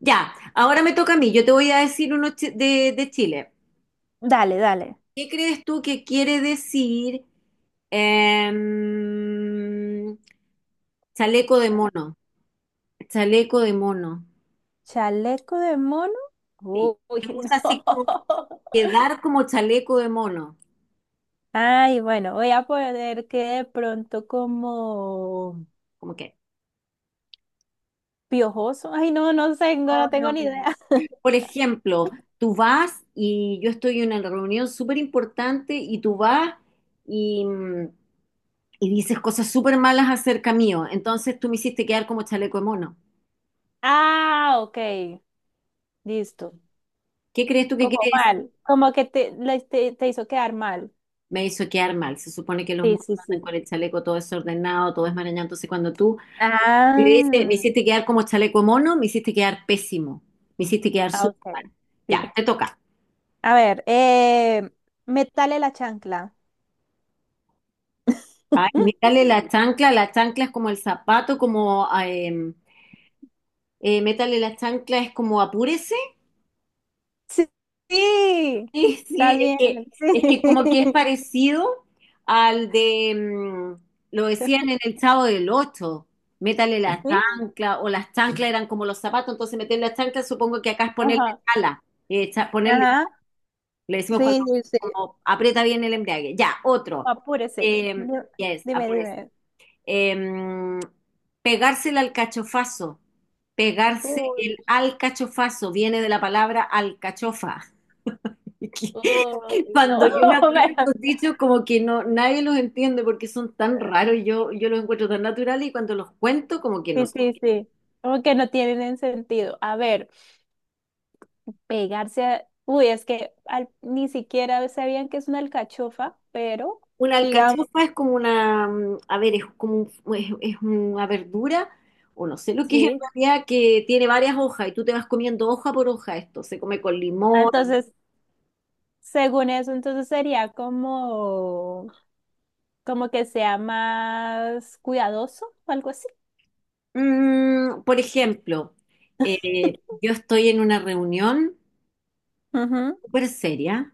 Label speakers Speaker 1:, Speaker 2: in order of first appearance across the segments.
Speaker 1: Ya, ahora me toca a mí. Yo te voy a decir uno de Chile.
Speaker 2: Dale, dale.
Speaker 1: ¿Qué crees tú que quiere decir em, chaleco de mono? Chaleco de mono.
Speaker 2: Chaleco de mono.
Speaker 1: Sí.
Speaker 2: Uy,
Speaker 1: Se
Speaker 2: no.
Speaker 1: usa así como quedar como chaleco de mono.
Speaker 2: Ay, bueno, voy a poner que de pronto como
Speaker 1: ¿Cómo que?
Speaker 2: piojoso. Ay, no, no tengo ni idea.
Speaker 1: Por ejemplo, tú vas y yo estoy en una reunión súper importante y tú vas y, mm, y dices cosas súper malas acerca mío. Entonces tú me hiciste quedar como chaleco de mono.
Speaker 2: Ah, ok, listo.
Speaker 1: ¿Qué crees tú que
Speaker 2: Como
Speaker 1: quiere decir?
Speaker 2: mal, como que te hizo quedar mal.
Speaker 1: Me hizo quedar mal. Se supone que los
Speaker 2: Sí,
Speaker 1: monos
Speaker 2: sí,
Speaker 1: andan
Speaker 2: sí.
Speaker 1: con el chaleco todo desordenado, todo desmarañado. Entonces cuando tú le dices, me
Speaker 2: Ah,
Speaker 1: hiciste quedar como chaleco de mono, me hiciste quedar pésimo. Me hiciste quedar
Speaker 2: ah,
Speaker 1: súper mal.
Speaker 2: ok, sí.
Speaker 1: Ya, te toca.
Speaker 2: A ver, métale la chancla.
Speaker 1: Ay, mírale la chancla. La chancla es como el zapato. Métale la chancla es como apúrese.
Speaker 2: Sí, sí,
Speaker 1: Sí, sí,
Speaker 2: estás bien,
Speaker 1: es
Speaker 2: sí,
Speaker 1: que como que es parecido al de, lo decían en el Chavo del Ocho, métale la
Speaker 2: sí,
Speaker 1: chancla, o las chanclas eran como los zapatos, entonces meter la chancla supongo que acá es ponerle
Speaker 2: ajá,
Speaker 1: chala, ponerle,
Speaker 2: ajá,
Speaker 1: le decimos cuando
Speaker 2: sí, sí, sí,
Speaker 1: como aprieta bien el embrague. Ya, otro.
Speaker 2: apúrese.
Speaker 1: Eh, yes,
Speaker 2: Dime, dime,
Speaker 1: em, pegarse el alcachofazo, pegarse el
Speaker 2: uy,
Speaker 1: alcachofazo, viene de la palabra alcachofa.
Speaker 2: uy, no,
Speaker 1: Cuando yo me acuerdo de
Speaker 2: bueno,
Speaker 1: estos dichos, como que no, nadie los entiende porque son tan raros, y yo los encuentro tan naturales y cuando los cuento, como que no
Speaker 2: sí,
Speaker 1: sé.
Speaker 2: sí, sí, como que no tienen sentido. A ver, es que ni siquiera sabían que es una alcachofa, pero
Speaker 1: Una
Speaker 2: digamos,
Speaker 1: alcachofa es como una, a ver, es como es una verdura, o no sé lo que es en
Speaker 2: sí.
Speaker 1: realidad, que tiene varias hojas y tú te vas comiendo hoja por hoja esto. Se come con limón.
Speaker 2: Entonces, según eso, entonces sería como... como que sea más cuidadoso o algo así.
Speaker 1: Por ejemplo, yo estoy en una reunión
Speaker 2: Ujú.
Speaker 1: súper seria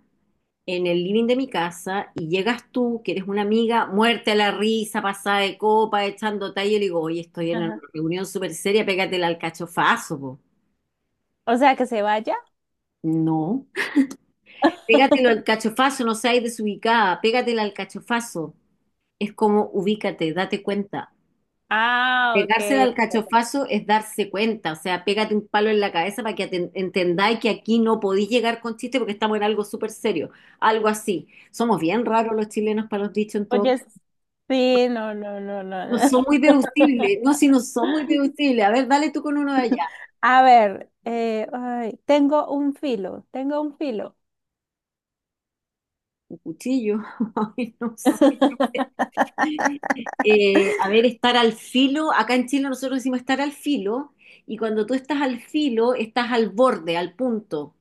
Speaker 1: en el living de mi casa y llegas tú, que eres una amiga, muerte a la risa, pasada de copa, echando talla, y le digo, oye, estoy en una
Speaker 2: Ajá.
Speaker 1: reunión súper seria, pégatela al cachofazo, po".
Speaker 2: O sea, que se vaya.
Speaker 1: No, pégatelo al cachofazo, no seas desubicada, pégatela al cachofazo. Es como ubícate, date cuenta.
Speaker 2: Ah, ok,
Speaker 1: Pegarse el
Speaker 2: ok.
Speaker 1: alcachofazo es darse cuenta, o sea, pégate un palo en la cabeza para que entendáis que aquí no podéis llegar con chiste porque estamos en algo súper serio, algo así. Somos bien raros los chilenos para los dichos en todo
Speaker 2: Oye,
Speaker 1: caso.
Speaker 2: sí, no, no, no, no,
Speaker 1: No
Speaker 2: no.
Speaker 1: son muy deducibles, no, si no son muy deducibles. A ver, dale tú con uno de allá.
Speaker 2: A ver, ay, tengo un filo.
Speaker 1: Un cuchillo, Ay, no sé. A ver, estar al filo, acá en Chile nosotros decimos estar al filo, y cuando tú estás al filo, estás al borde, al punto,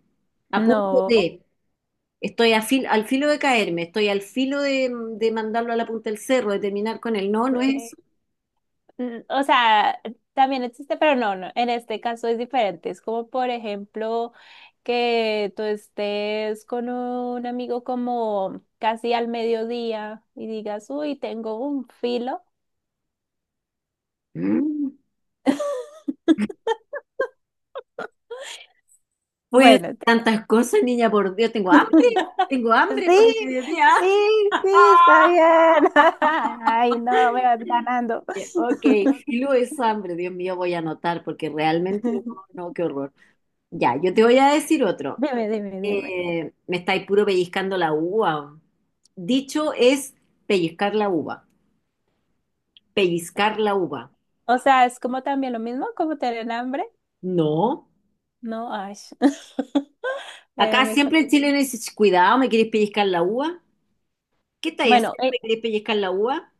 Speaker 1: a punto
Speaker 2: No.
Speaker 1: de. Estoy al filo de caerme, estoy al filo de mandarlo a la punta del cerro, de terminar con él. No, no es eso.
Speaker 2: Sí. O sea, también existe, pero no, no, en este caso es diferente. Es como, por ejemplo, que tú estés con un amigo como casi al mediodía y digas, uy, tengo un filo.
Speaker 1: Mm. Pues
Speaker 2: Bueno, te-
Speaker 1: tantas cosas, niña, por Dios, tengo hambre por el
Speaker 2: sí,
Speaker 1: mediodía.
Speaker 2: sí, sí, está bien. Ay, no, me vas ganando.
Speaker 1: Ok, y luego es hambre, Dios mío, voy a anotar porque realmente no, no, qué horror. Ya, yo te voy a decir otro.
Speaker 2: Dime, dime, dime.
Speaker 1: Me estáis puro pellizcando la uva. Dicho es pellizcar la uva, pellizcar la uva.
Speaker 2: O sea, es como también lo mismo, como tener hambre.
Speaker 1: No.
Speaker 2: No, ay. eh,
Speaker 1: Acá
Speaker 2: me está...
Speaker 1: siempre el chileno dice, "Ch, cuidado, ¿me quieres pellizcar la uva? ¿Qué estáis
Speaker 2: Bueno,
Speaker 1: haciendo? ¿Me quieres pellizcar la uva?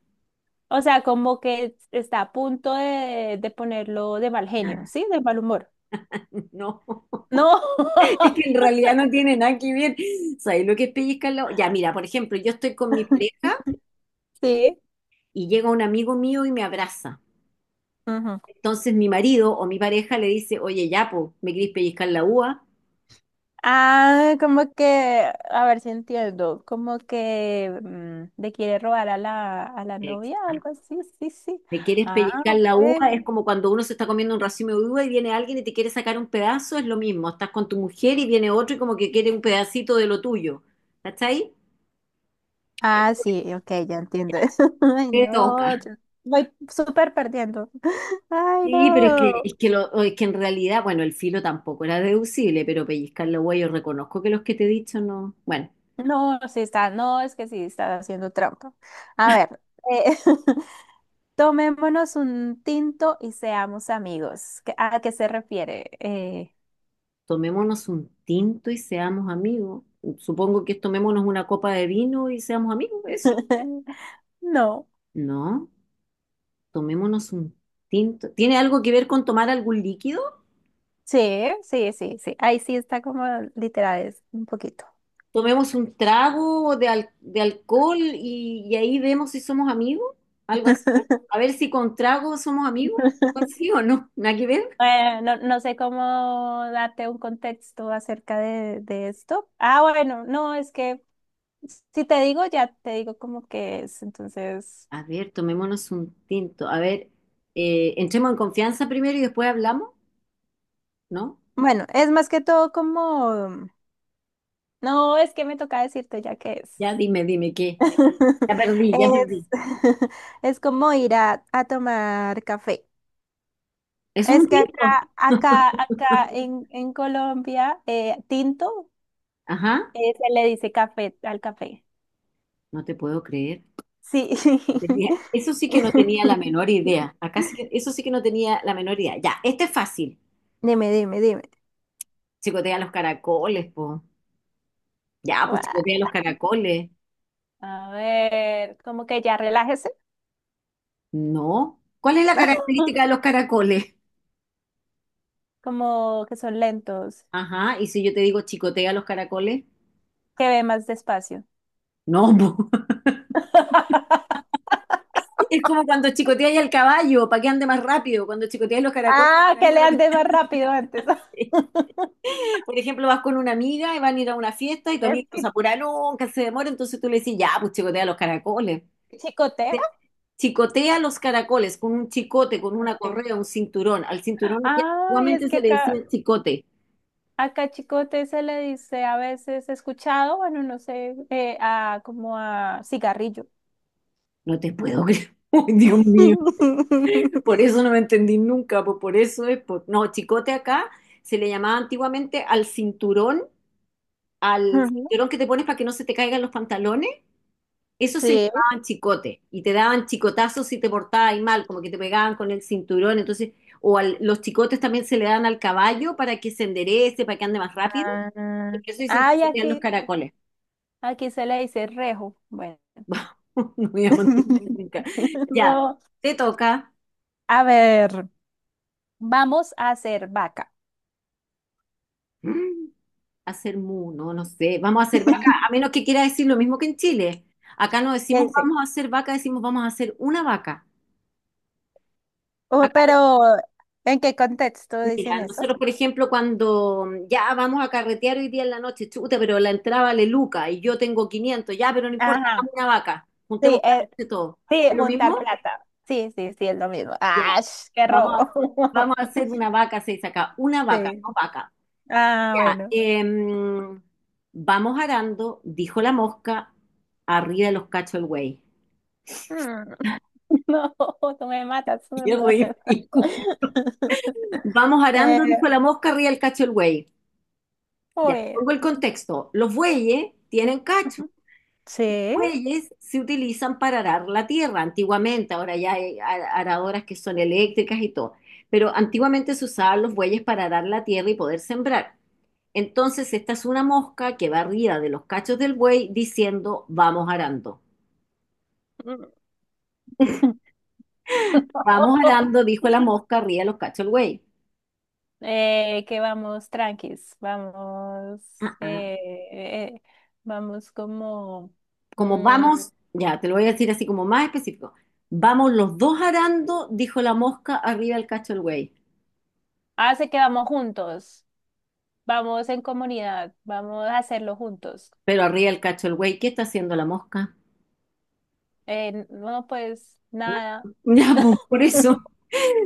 Speaker 2: o sea, como que está a punto de ponerlo de mal genio, ¿sí? De mal humor.
Speaker 1: No,
Speaker 2: No.
Speaker 1: es que en realidad no tiene nada que ver. ¿Sabes lo que es pellizcar la uva? Ya, mira, por ejemplo, yo estoy con mi pareja
Speaker 2: Sí.
Speaker 1: y llega un amigo mío y me abraza.
Speaker 2: Ujú.
Speaker 1: Entonces mi marido o mi pareja le dice, oye, ya, po, ¿me quieres pellizcar la uva?
Speaker 2: Ah, como que, a ver si entiendo, como que le quiere robar a la
Speaker 1: Ex-
Speaker 2: novia o
Speaker 1: ah,
Speaker 2: algo así, sí, sí.
Speaker 1: ¿Me quieres
Speaker 2: Ah,
Speaker 1: pellizcar
Speaker 2: ok.
Speaker 1: la uva? Es como cuando uno se está comiendo un racimo de uva y viene alguien y te quiere sacar un pedazo, es lo mismo. Estás con tu mujer y viene otro y como que quiere un pedacito de lo tuyo. ¿Cachai?
Speaker 2: Ah, sí, ok, ya entiendo eso. Ay,
Speaker 1: Te toca.
Speaker 2: no, yo voy súper perdiendo. Ay,
Speaker 1: Sí, pero es que,
Speaker 2: no.
Speaker 1: es que, o es que en realidad, bueno, el filo tampoco era deducible, pero pellizcar la huella, yo reconozco que los que te he dicho no. Bueno,
Speaker 2: No, sí está, no, es que sí está haciendo trampa. A ver, eh, tomémonos un tinto y seamos amigos. ¿Qué- ¿A qué se refiere?
Speaker 1: tomémonos un tinto y seamos amigos. Supongo que es tomémonos una copa de vino y seamos amigos, ¿eso?
Speaker 2: No.
Speaker 1: No, tomémonos un tinto. ¿Tiene algo que ver con tomar algún líquido?
Speaker 2: Sí, sí, sí, sí. Ahí sí está como literal, es un poquito.
Speaker 1: Tomemos un trago de alcohol y ahí vemos si somos amigos, algo así. A ver si con trago somos amigos, algo así o no, nada que ver.
Speaker 2: No, no sé cómo darte un contexto acerca de esto. Ah, bueno, no, es que si te digo, ya te digo como que es. Entonces,
Speaker 1: A ver, tomémonos un tinto. A ver, entremos en confianza primero y después hablamos, ¿no?
Speaker 2: bueno, es más que todo como, no, es que me toca decirte ya que
Speaker 1: Ya dime, dime qué. Ya perdí, ya perdí.
Speaker 2: es, es como ir a tomar café.
Speaker 1: ¿Es un
Speaker 2: Es que acá,
Speaker 1: tinto?
Speaker 2: acá, acá en Colombia, tinto,
Speaker 1: Ajá,
Speaker 2: se le dice café al café.
Speaker 1: no te puedo creer.
Speaker 2: Sí.
Speaker 1: No tenía- Eso sí que no tenía la menor idea. Eso sí que no tenía la menor idea. Ya, este es fácil.
Speaker 2: Dime, dime, dime.
Speaker 1: Chicotea los caracoles, po. Ya, pues
Speaker 2: Guau.
Speaker 1: chicotea los caracoles.
Speaker 2: A ver, como que ya relájese,
Speaker 1: No. ¿Cuál es la característica de los caracoles?
Speaker 2: como que son lentos,
Speaker 1: Ajá, y si yo te digo chicotea los caracoles,
Speaker 2: que ve más despacio.
Speaker 1: no, po. Es como cuando chicoteáis al caballo para que ande más rápido, cuando chicoteáis los caracoles, para
Speaker 2: Ah,
Speaker 1: que
Speaker 2: que
Speaker 1: ande
Speaker 2: le
Speaker 1: más
Speaker 2: ande más
Speaker 1: rápido.
Speaker 2: rápido antes.
Speaker 1: Por ejemplo, vas con una amiga y van a ir a una fiesta y tu
Speaker 2: Es
Speaker 1: amiga no se
Speaker 2: que
Speaker 1: apura nunca, se demora, entonces tú le decís, ya, pues chicotea los caracoles.
Speaker 2: chicotea.
Speaker 1: Chicotea los caracoles con un chicote, con una
Speaker 2: Ok.
Speaker 1: correa, un cinturón. Al cinturón que
Speaker 2: Ah, y es
Speaker 1: antiguamente
Speaker 2: que
Speaker 1: se le decía
Speaker 2: acá,
Speaker 1: chicote.
Speaker 2: acá chicote se le dice a veces escuchado, bueno, no sé, a como a cigarrillo.
Speaker 1: No te puedo creer. Uy, Dios mío, por eso no me entendí nunca, pues por eso es, no, chicote acá se le llamaba antiguamente al
Speaker 2: Ujú.
Speaker 1: cinturón que te pones para que no se te caigan los pantalones. Eso se
Speaker 2: Sí.
Speaker 1: llamaban chicote y te daban chicotazos si te portabas mal, como que te pegaban con el cinturón. Entonces, o los chicotes también se le dan al caballo para que se enderece, para que ande más rápido. Por
Speaker 2: Ah,
Speaker 1: eso dicen
Speaker 2: ah, y
Speaker 1: chicotear los
Speaker 2: aquí,
Speaker 1: caracoles.
Speaker 2: aquí se le dice rejo. Bueno,
Speaker 1: No voy a mantener nunca. Ya,
Speaker 2: no.
Speaker 1: te toca,
Speaker 2: A ver, vamos a hacer vaca.
Speaker 1: mm, hacer mu, no, no sé. Vamos a hacer vaca, a menos que quiera decir lo mismo que en Chile. Acá no
Speaker 2: ¿Qué
Speaker 1: decimos
Speaker 2: dice?
Speaker 1: vamos a hacer vaca, decimos vamos a hacer una vaca.
Speaker 2: Oh, pero ¿en qué contexto
Speaker 1: Mira,
Speaker 2: dicen eso?
Speaker 1: nosotros, por ejemplo, cuando ya vamos a carretear hoy día en la noche, chuta, pero la entrada vale Luca y yo tengo 500, ya, pero no importa, hagamos
Speaker 2: Ajá.
Speaker 1: una vaca, juntemos
Speaker 2: Sí,
Speaker 1: plata de todo.
Speaker 2: sí,
Speaker 1: ¿Es lo
Speaker 2: juntar
Speaker 1: mismo?
Speaker 2: plata. Sí, sí, sí, es lo mismo.
Speaker 1: Ya.
Speaker 2: ¡Ah, qué
Speaker 1: Vamos
Speaker 2: robo!
Speaker 1: a, vamos a hacer una vaca, seis acá, una vaca,
Speaker 2: Sí.
Speaker 1: no vaca.
Speaker 2: Ah,
Speaker 1: Ya,
Speaker 2: bueno.
Speaker 1: vamos arando, dijo la mosca, arriba de los cachos el güey.
Speaker 2: Mm, no, tú me matas,
Speaker 1: Qué
Speaker 2: no.
Speaker 1: ridículo. Vamos
Speaker 2: Eh,
Speaker 1: arando, dijo la mosca, arriba del cacho el buey. Ya,
Speaker 2: uy.
Speaker 1: pongo el contexto. Los bueyes tienen cacho.
Speaker 2: Sí.
Speaker 1: Bueyes se utilizan para arar la tierra antiguamente, ahora ya hay aradoras que son eléctricas y todo, pero antiguamente se usaban los bueyes para arar la tierra y poder sembrar. Entonces, esta es una mosca que va arriba de los cachos del buey diciendo, vamos arando.
Speaker 2: Mm.
Speaker 1: Vamos arando, dijo la mosca arriba de los cachos del buey.
Speaker 2: Que vamos tranquis, vamos,
Speaker 1: Ah, ah.
Speaker 2: eh, eh, vamos como,
Speaker 1: Como
Speaker 2: mm,
Speaker 1: vamos, ya te lo voy a decir así como más específico. Vamos los dos arando, dijo la mosca arriba del cacho del buey.
Speaker 2: hace que vamos juntos, vamos en comunidad, vamos a hacerlo juntos.
Speaker 1: Pero arriba del cacho del buey, ¿qué está haciendo la mosca?
Speaker 2: No, pues nada.
Speaker 1: Ya, pues, por eso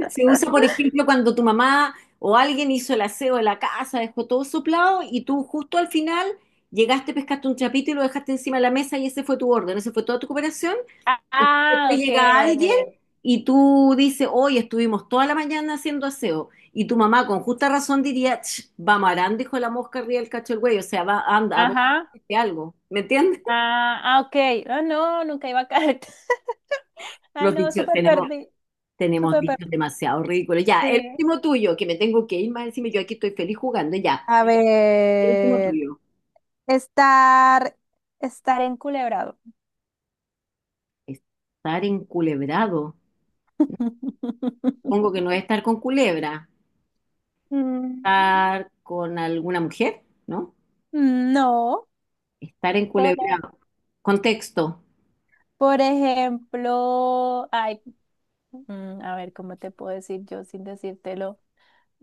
Speaker 1: se usa, por ejemplo, cuando tu mamá o alguien hizo el aseo de la casa, dejó todo soplado y tú justo al final llegaste, pescaste un chapito y lo dejaste encima de la mesa y ese fue tu orden, esa fue toda tu cooperación.
Speaker 2: Ah,
Speaker 1: Entonces,
Speaker 2: ah,
Speaker 1: después
Speaker 2: ok.
Speaker 1: llega alguien y tú dices, hoy estuvimos toda la mañana haciendo aseo. Y tu mamá con justa razón diría, "Ch, va marando, hijo de la mosca, arriba del cacho del güey, o sea, va, anda, a
Speaker 2: Ajá.
Speaker 1: dónde algo. ¿Me entiendes?
Speaker 2: Ah, ah, ok. Ah, no, nunca iba a caer. Ay,
Speaker 1: Los
Speaker 2: no,
Speaker 1: dichos,
Speaker 2: súper
Speaker 1: tenemos,
Speaker 2: perdí.
Speaker 1: Tenemos
Speaker 2: Súper
Speaker 1: dichos
Speaker 2: perdí.
Speaker 1: demasiado ridículos. Ya, el
Speaker 2: Sí.
Speaker 1: último tuyo, que me tengo que ir más encima, yo aquí estoy feliz jugando. Ya,
Speaker 2: A
Speaker 1: el último
Speaker 2: ver,
Speaker 1: tuyo.
Speaker 2: estar, estar enculebrado.
Speaker 1: Estar enculebrado. Supongo que no es estar con culebra.
Speaker 2: Mm,
Speaker 1: Estar con alguna mujer, ¿no?
Speaker 2: no.
Speaker 1: Estar
Speaker 2: Por,
Speaker 1: enculebrado. Contexto.
Speaker 2: por ejemplo, ay, a ver, ¿cómo te puedo decir yo sin decírtelo?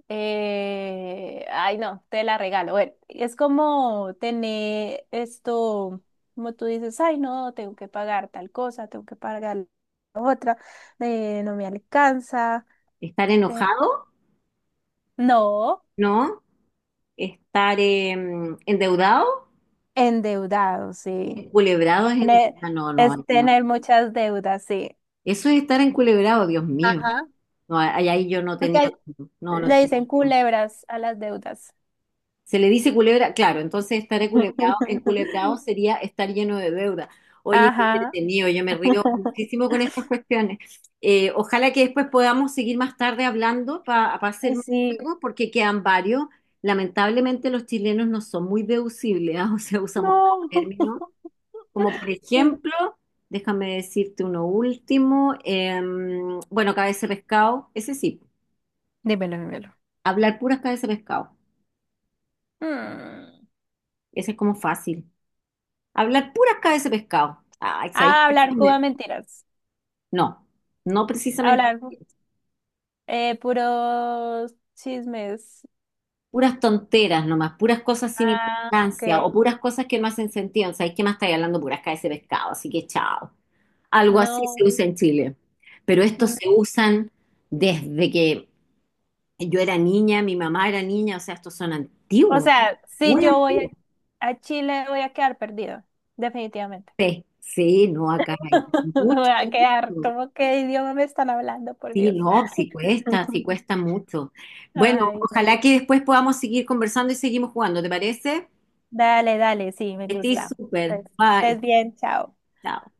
Speaker 2: Ay, no, te la regalo. Bueno, es como tener esto, como tú dices, ay, no, tengo que pagar tal cosa, tengo que pagar la otra, no me alcanza.
Speaker 1: Estar
Speaker 2: eh,
Speaker 1: enojado,
Speaker 2: no,
Speaker 1: ¿no? Estar endeudado.
Speaker 2: endeudado, sí.
Speaker 1: Enculebrado es
Speaker 2: Ne-
Speaker 1: endeudado. No, no,
Speaker 2: es
Speaker 1: ahí no.
Speaker 2: tener muchas deudas, sí.
Speaker 1: Eso es estar enculebrado, Dios mío.
Speaker 2: Ajá.
Speaker 1: No, ahí yo no tenía.
Speaker 2: Porque
Speaker 1: No, no
Speaker 2: le
Speaker 1: tenía.
Speaker 2: dicen culebras a las deudas.
Speaker 1: Se le dice culebra, claro, entonces estar enculebrado, enculebrado sería estar lleno de deuda. Oye, qué
Speaker 2: Ajá.
Speaker 1: entretenido, yo me río muchísimo con estas cuestiones. Ojalá que después podamos seguir más tarde hablando para hacer
Speaker 2: Ay,
Speaker 1: más
Speaker 2: sí.
Speaker 1: juegos, porque quedan varios. Lamentablemente los chilenos no son muy deducibles, ¿ah? O sea, usamos
Speaker 2: No.
Speaker 1: términos como por ejemplo, déjame decirte uno último, bueno, cabeza de pescado, ese sí,
Speaker 2: Dímelo, dímelo.
Speaker 1: hablar puras cabeza de pescado,
Speaker 2: Mm.
Speaker 1: ese es como fácil. Hablar puras cabezas de pescado. Ay, ¿sabéis
Speaker 2: A
Speaker 1: qué?
Speaker 2: hablar cuba mentiras.
Speaker 1: No, no
Speaker 2: A
Speaker 1: precisamente
Speaker 2: hablar puros chismes.
Speaker 1: puras tonteras nomás, puras cosas sin
Speaker 2: Ah, ok.
Speaker 1: importancia o puras cosas que no hacen sentido. ¿Sabéis qué más estáis hablando? Puras cabezas de pescado, así que chao. Algo así se
Speaker 2: No.
Speaker 1: usa en Chile. Pero estos
Speaker 2: Mm.
Speaker 1: se usan desde que yo era niña, mi mamá era niña, o sea, estos son
Speaker 2: O
Speaker 1: antiguos,
Speaker 2: sea, si
Speaker 1: muy
Speaker 2: yo voy
Speaker 1: antiguos.
Speaker 2: a Chile, voy a quedar perdido. Definitivamente.
Speaker 1: Sí, sí, no, acá hay mucho.
Speaker 2: Voy a quedar como qué idioma me están hablando, por
Speaker 1: Sí,
Speaker 2: Dios.
Speaker 1: no, sí cuesta mucho. Bueno,
Speaker 2: Ay, no.
Speaker 1: ojalá que después podamos seguir conversando y seguimos jugando, ¿te parece?
Speaker 2: Dale, dale, sí, me
Speaker 1: Estoy
Speaker 2: gusta.
Speaker 1: súper.
Speaker 2: Pues
Speaker 1: Bye.
Speaker 2: estés bien, chao.
Speaker 1: Chao.